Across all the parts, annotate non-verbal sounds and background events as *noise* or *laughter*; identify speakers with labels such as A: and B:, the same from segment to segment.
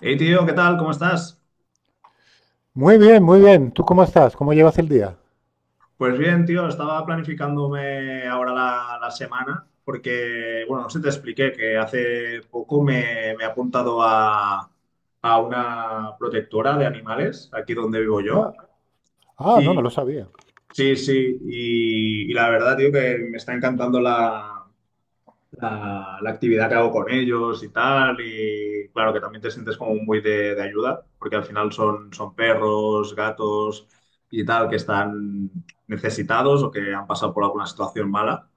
A: Hey tío, ¿qué tal? ¿Cómo estás?
B: Muy bien, muy bien. ¿Tú cómo estás? ¿Cómo llevas el día?
A: Pues bien, tío, estaba planificándome ahora la semana porque, bueno, no sé si te expliqué que hace poco me he apuntado a una protectora de animales, aquí donde vivo yo.
B: Ah, ah, no, no
A: Y
B: lo sabía.
A: sí, sí, y la verdad, tío, que me está encantando la actividad que hago con ellos y tal. Y claro que también te sientes como muy de ayuda, porque al final son, son perros, gatos y tal que están necesitados o que han pasado por alguna situación mala.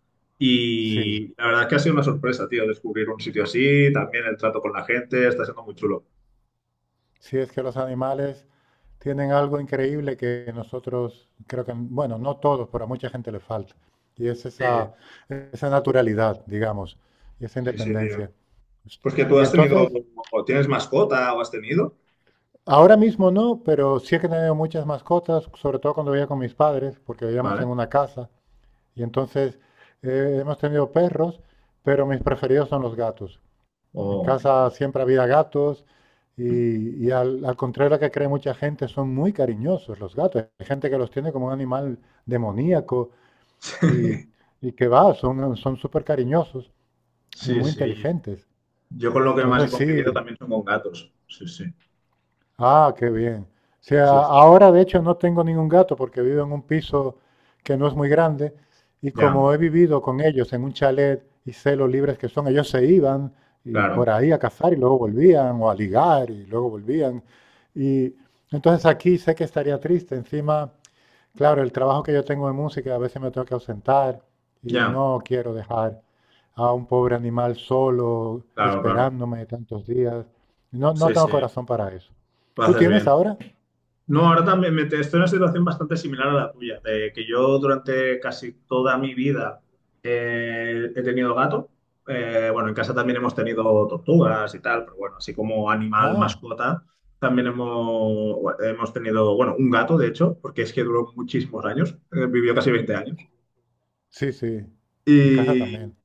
B: Sí,
A: Y la verdad es que ha sido una sorpresa, tío, descubrir un sitio así, también el trato con la gente, está siendo muy chulo.
B: sí, es que los animales tienen algo increíble que nosotros, creo que, bueno, no todos, pero a mucha gente le falta. Y es
A: Sí,
B: esa, esa naturalidad, digamos, y esa
A: sí, sí, tío.
B: independencia.
A: Pues que tú
B: Y
A: has tenido,
B: entonces,
A: o tienes mascota o has tenido,
B: ahora mismo no, pero sí que he tenido muchas mascotas, sobre todo cuando vivía con mis padres, porque vivíamos en
A: ¿vale?
B: una casa. Y entonces hemos tenido perros, pero mis preferidos son los gatos. En
A: O...
B: casa siempre había gatos y al, al contrario de lo que cree mucha gente, son muy cariñosos los gatos. Hay gente que los tiene como un animal demoníaco y,
A: *laughs*
B: y que va, son súper cariñosos y
A: Sí,
B: muy
A: sí.
B: inteligentes.
A: Yo con lo que más he
B: Entonces sí.
A: convivido también son con gatos. Sí, sí.
B: Ah, qué bien. O sea,
A: Sí, sí.
B: ahora de hecho no tengo ningún gato porque vivo en un piso que no es muy grande, y
A: Ya,
B: como he vivido con ellos en un chalet y sé lo libres que son, ellos se iban y
A: claro,
B: por ahí a cazar y luego volvían, o a ligar y luego volvían. Y entonces aquí sé que estaría triste. Encima, claro, el trabajo que yo tengo de música, a veces me tengo que ausentar y
A: ya,
B: no quiero dejar a un pobre animal solo,
A: claro, claro.
B: esperándome tantos días. No, no
A: Sí,
B: tengo
A: sí,
B: corazón para eso.
A: lo
B: ¿Tú
A: haces
B: tienes
A: bien.
B: ahora?
A: No, ahora también estoy en una situación bastante similar a la tuya, de que yo durante casi toda mi vida he tenido gato. Bueno, en casa también hemos tenido tortugas y tal, pero bueno, así como animal
B: Ah,
A: mascota, también hemos tenido, bueno, un gato, de hecho, porque es que duró muchísimos años, vivió casi 20 años.
B: sí, sí, en casa
A: Y,
B: también.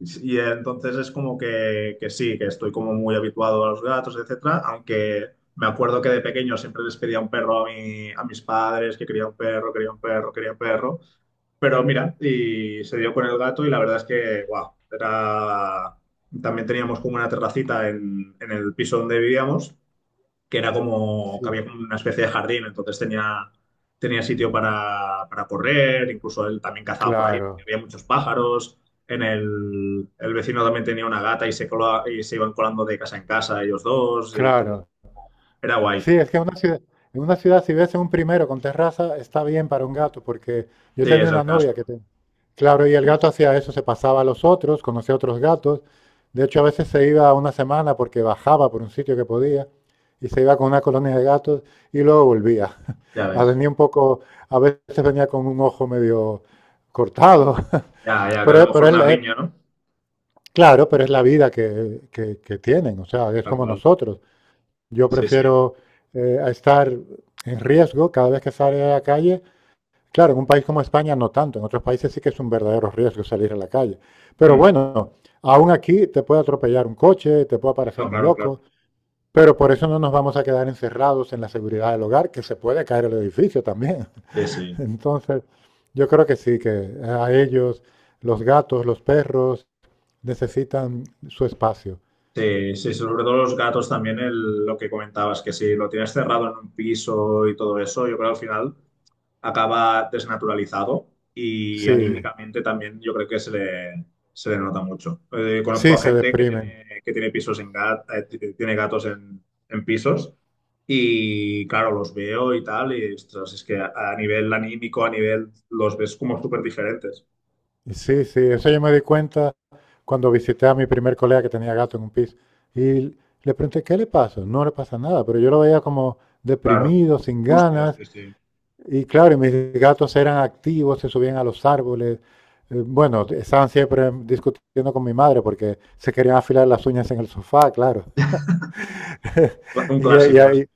A: Y entonces es como que sí, que estoy como muy habituado a los gatos, etcétera, aunque me acuerdo que de pequeño siempre les pedía un perro a a mis padres, que quería un perro, quería un perro, quería un perro, pero mira, y se dio con el gato y la verdad es que, wow, era... También teníamos como una terracita en el piso donde vivíamos, que era como que
B: Sí,
A: había como una especie de jardín, entonces tenía, tenía sitio para correr, incluso él también cazaba por ahí, porque
B: claro,
A: había muchos pájaros. En el vecino también tenía una gata y y se iban colando de casa en casa ellos dos, y entonces
B: claro.
A: era guay.
B: Sí, es que en una ciudad si ves un primero con terraza, está bien para un gato, porque yo
A: Sí,
B: tenía
A: es el
B: una
A: caso,
B: novia que te- Claro, y el gato hacía eso, se pasaba a los otros, conocía a otros gatos. De hecho, a veces se iba una semana porque bajaba por un sitio que podía y se iba con una colonia de gatos y luego volvía. *laughs*
A: ya
B: A
A: ves.
B: venía un poco, a veces venía con un ojo medio cortado.
A: Ya,
B: *laughs*
A: ya, que a lo mejor
B: Pero es,
A: una
B: la- es-
A: riña, ¿no?
B: claro, pero es la vida que tienen, o sea, es
A: Tal
B: como
A: cual.
B: nosotros. Yo
A: Sí, sí.
B: prefiero a estar en riesgo cada vez que sale a la calle. Claro, en un país como España no tanto, en otros países sí que es un verdadero riesgo salir a la calle. Pero
A: Mm.
B: bueno, aún aquí te puede atropellar un coche, te puede aparecer
A: No,
B: un
A: claro,
B: loco,
A: claro.
B: pero por eso no nos vamos a quedar encerrados en la seguridad del hogar, que se puede caer el edificio también.
A: Sí,
B: *laughs*
A: sí.
B: Entonces, yo creo que sí, que a ellos, los gatos, los perros, necesitan su espacio.
A: Sí, sí, sobre todo los gatos también, lo que comentabas, que si lo tienes cerrado en un piso y todo eso, yo creo que al final acaba desnaturalizado y
B: Sí,
A: anímicamente también yo creo que se le nota mucho. Conozco
B: sí
A: a
B: se
A: gente
B: deprimen.
A: que tiene pisos en tiene gatos en pisos y claro, los veo y tal y ostras, es que a nivel anímico, a nivel, los ves como súper diferentes.
B: Sí, sí, eso yo me di cuenta cuando visité a mi primer colega que tenía gato en un piso y le pregunté, ¿qué le pasa? No le pasa nada, pero yo lo veía como
A: Claro,
B: deprimido, sin
A: hostios,
B: ganas.
A: sí, sí.
B: Y claro, y mis gatos eran activos, se subían a los árboles. Bueno, estaban siempre discutiendo con mi madre porque se querían afilar las uñas en el sofá, claro. *laughs*
A: Un
B: Y, y
A: clásico.
B: ahí,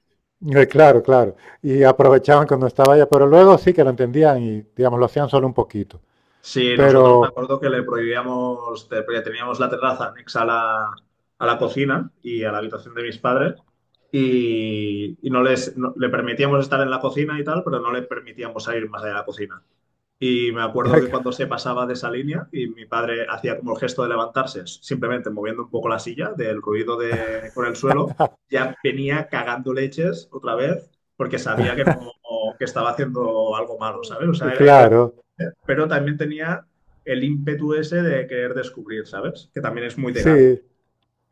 B: claro, claro. Y aprovechaban cuando estaba ella, pero luego sí que lo entendían y, digamos, lo hacían solo un poquito.
A: Sí, nosotros me
B: Pero,
A: acuerdo que le prohibíamos, porque teníamos la terraza anexa a a la cocina y a la habitación de mis padres y no les no- le permitíamos estar en la cocina y tal, pero no le permitíamos salir más allá de la cocina. Y me acuerdo que cuando
B: *laughs*
A: se pasaba de esa línea y mi padre hacía como el gesto de levantarse, simplemente moviendo un poco la silla del ruido de, con el suelo, ya venía cagando leches otra vez porque sabía que no, que estaba haciendo algo malo, ¿sabes? O sea, él
B: claro.
A: pero también tenía el ímpetu ese de querer descubrir, ¿sabes? Que también es muy de gato.
B: Sí,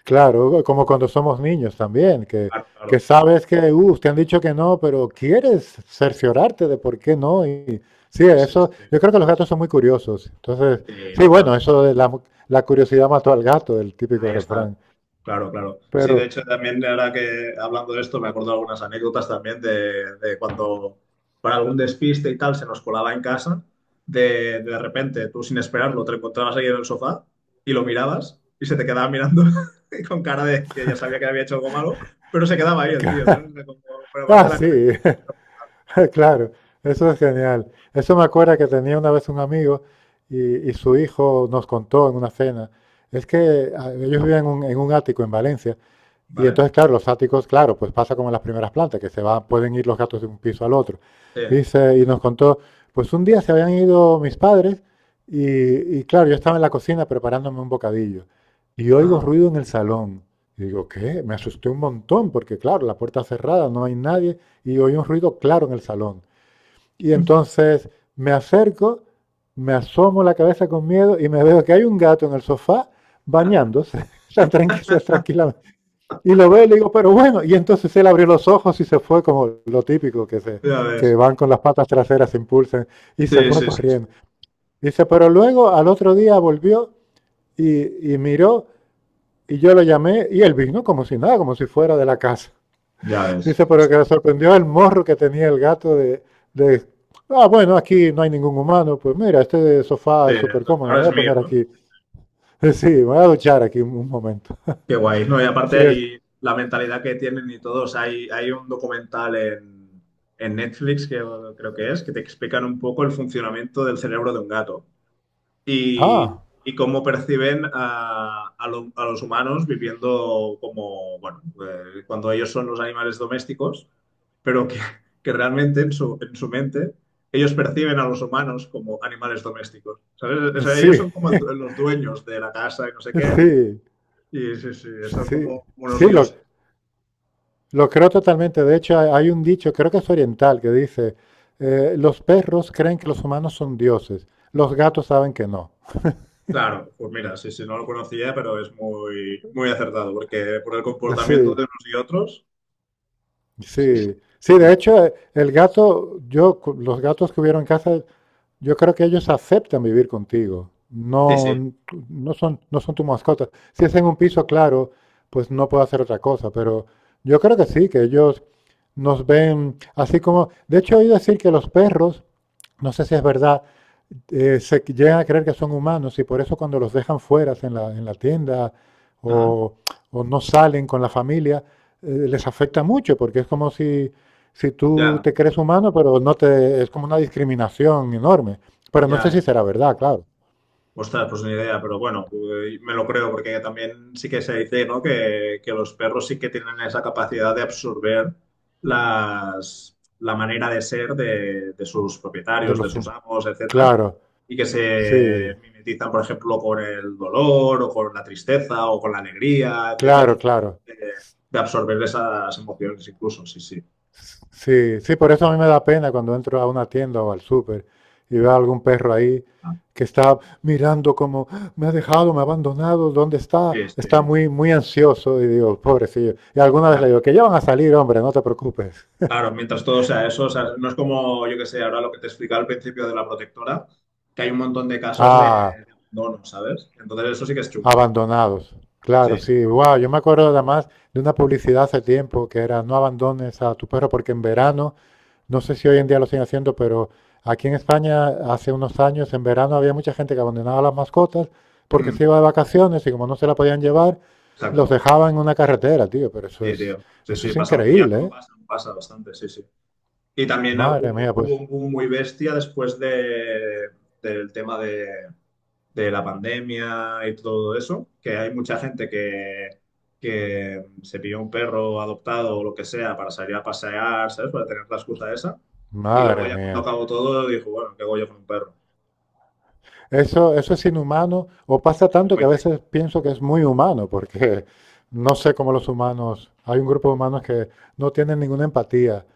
B: claro, como cuando somos niños también,
A: Claro,
B: que
A: claro.
B: sabes que te han dicho que no, pero quieres cerciorarte de por qué no. Y sí,
A: Sí,
B: eso,
A: sí.
B: yo creo que los gatos son muy curiosos. Entonces,
A: Sí,
B: sí, bueno,
A: total.
B: eso de la, la curiosidad mató al gato, el típico
A: Ahí está.
B: refrán.
A: Claro, claro. Sí, de
B: Pero,
A: hecho, también ahora que hablando de esto, me acuerdo de algunas anécdotas también de cuando para algún despiste y tal se nos colaba en casa, de repente tú sin esperarlo te encontrabas ahí en el sofá y lo mirabas y se te quedaba mirando *laughs* y con cara de que ya sabía que había hecho algo malo, pero se quedaba ahí el tío, ¿sabes? Como, pero
B: *laughs*
A: aparte
B: ah,
A: la cara,
B: sí, *laughs* claro, eso es genial. Eso me acuerda que tenía una vez un amigo y su hijo nos contó en una cena. Es que ellos vivían en un ático en Valencia. Y
A: ¿vale?
B: entonces, claro, los áticos, claro, pues pasa como en las primeras plantas, que se van, pueden ir los gatos de un piso al otro.
A: Sí,
B: Y, se y nos contó, pues un día se habían ido mis padres y claro, yo estaba en la cocina preparándome un bocadillo y oigo
A: ajá.
B: ruido en el salón. Y digo, ¿qué? Me asusté un montón porque claro, la puerta cerrada, no hay nadie y oí un ruido claro en el salón. Y entonces me acerco, me asomo la cabeza con miedo y me veo que hay un gato en el sofá bañándose, *laughs* tan tranquilo, tranquila, y lo ve y le digo, pero bueno, y entonces él abrió los ojos y se fue como lo típico, que, se,
A: Ya
B: que
A: ves.
B: van con las patas traseras, se impulsan, y se
A: Sí,
B: fue
A: sí, sí, sí.
B: corriendo. Dice, pero luego al otro día volvió y miró, y yo lo llamé, y él vino como si nada, como si fuera de la casa.
A: Ya
B: *laughs*
A: ves.
B: Dice,
A: Sí,
B: pero
A: sí.
B: que le sorprendió el morro que tenía el gato de bueno, aquí no hay ningún humano, pues mira, este sofá
A: Sí,
B: es súper
A: es-
B: cómodo, me
A: ahora
B: voy
A: es
B: a
A: mío,
B: poner
A: ¿no?
B: aquí, *laughs* sí, me voy a duchar aquí un momento.
A: Qué guay. No, y aparte
B: Sí, es,
A: hay la mentalidad que tienen y todos. Hay un documental en Netflix, que creo que es, que te explican un poco el funcionamiento del cerebro de un gato. Y,
B: ah,
A: y cómo perciben a a los humanos viviendo como, bueno, cuando ellos son los animales domésticos, pero que realmente en en su mente ellos perciben a los humanos como animales domésticos, ¿sabes? O sea, ellos
B: sí,
A: son como el los dueños de la casa y no sé
B: *laughs*
A: qué,
B: sí.
A: y sí, sí, son
B: Sí,
A: como unos
B: sí,
A: dioses.
B: lo creo totalmente. De hecho, hay un dicho, creo que es oriental, que dice, los perros creen que los humanos son dioses, los gatos saben que no.
A: Claro, pues mira, sí, sí, no lo conocía, pero es muy, muy acertado, porque por el comportamiento
B: Sí,
A: de unos y otros, sí, sí,
B: sí. Sí, de
A: mucho.
B: hecho, el gato, yo, cu- los gatos que hubieron en casa, yo creo que ellos aceptan vivir contigo.
A: Sí,
B: No,
A: sí,
B: no son, no son tu mascota. Si es en un piso, claro, pues no puedo hacer otra cosa. Pero yo creo que sí, que ellos nos ven así como... De hecho, oí decir que los perros, no sé si es verdad, se llegan a creer que son humanos y por eso cuando los dejan fuera en la tienda
A: ajá,
B: o, o no salen con la familia, les afecta mucho porque es como si si tú
A: ya.
B: te crees humano, pero no te, es como una discriminación enorme. Pero no
A: Ya,
B: sé
A: ya,
B: si
A: ya.
B: será verdad, claro,
A: Ostras, pues ni idea, pero bueno, me lo creo porque también sí que se dice, ¿no? Que los perros sí que tienen esa capacidad de absorber la manera de ser de sus
B: de
A: propietarios, de
B: los
A: sus
B: hum-
A: amos, etcétera,
B: Claro,
A: y que
B: sí,
A: se mimetizan, por ejemplo, con el dolor o con la tristeza o con la alegría, etcétera, que son
B: claro, claro.
A: capaces de absorber esas emociones incluso, sí, sí.
B: Sí, sí, por eso a mí me da pena cuando entro a una tienda o al súper y veo a algún perro ahí
A: Ah,
B: que está mirando como, "Ah, me ha dejado, me ha abandonado, ¿dónde
A: sí,
B: está?" Está
A: este,
B: muy, muy ansioso y digo, pobrecillo. Y alguna vez le
A: ya.
B: digo, que ya van a salir, hombre, no te preocupes.
A: Claro, mientras todo sea eso, o sea, no es como, yo que sé, ahora lo que te explicaba al principio de la protectora, que hay un montón de casos
B: Ah,
A: de abandono, ¿sabes? Entonces eso sí que es chungo.
B: abandonados. Claro,
A: Sí,
B: sí, wow, yo me acuerdo además de una publicidad hace tiempo que era no abandones a tu perro porque en verano, no sé si hoy en día lo siguen haciendo, pero aquí en España hace unos años en verano había mucha gente que abandonaba a las mascotas porque
A: mm,
B: se iba de vacaciones y como no se la podían llevar, los
A: exacto.
B: dejaban en una carretera, tío, pero
A: Sí, tío. Sí,
B: eso
A: sí,
B: es
A: pasa, y
B: increíble, ¿eh?
A: aún pasa bastante, sí, sí. Y también
B: Madre mía,
A: hubo, hubo
B: pues,
A: un boom muy bestia después de, del tema de la pandemia y todo eso, que hay mucha gente que se pilló un perro adoptado o lo que sea para salir a pasear, ¿sabes? Para tener la excusa esa. Y luego
B: madre
A: ya cuando
B: mía.
A: acabó todo, dijo, bueno, ¿qué hago yo con un perro?
B: Eso es inhumano, o pasa
A: Es
B: tanto que
A: muy
B: a
A: triste.
B: veces pienso que es muy humano, porque no sé cómo los humanos, hay un grupo de humanos que no tienen ninguna empatía.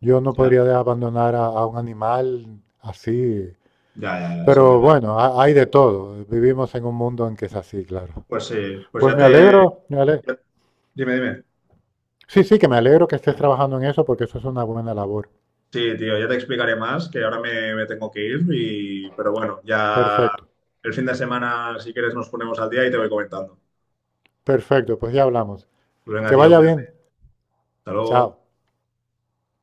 B: Yo no
A: Ya,
B: podría de- abandonar a un animal así,
A: ya, ya, ya, es
B: pero
A: horrible.
B: bueno, ha- hay de todo. Vivimos en un mundo en que es así, claro.
A: Pues sí, pues
B: Pues
A: ya
B: me
A: te...
B: alegro, me ale-
A: ya- Dime, dime.
B: Sí, sí, que me alegro que estés trabajando en eso porque eso es una buena labor.
A: Sí, tío, ya te explicaré más, que ahora me, me tengo que ir, y... pero bueno, ya
B: Perfecto,
A: el fin de semana, si quieres, nos ponemos al día y te voy comentando.
B: perfecto, pues ya hablamos.
A: Pues venga,
B: Que
A: tío,
B: vaya
A: cuídate.
B: bien.
A: Hasta
B: Chao.
A: luego.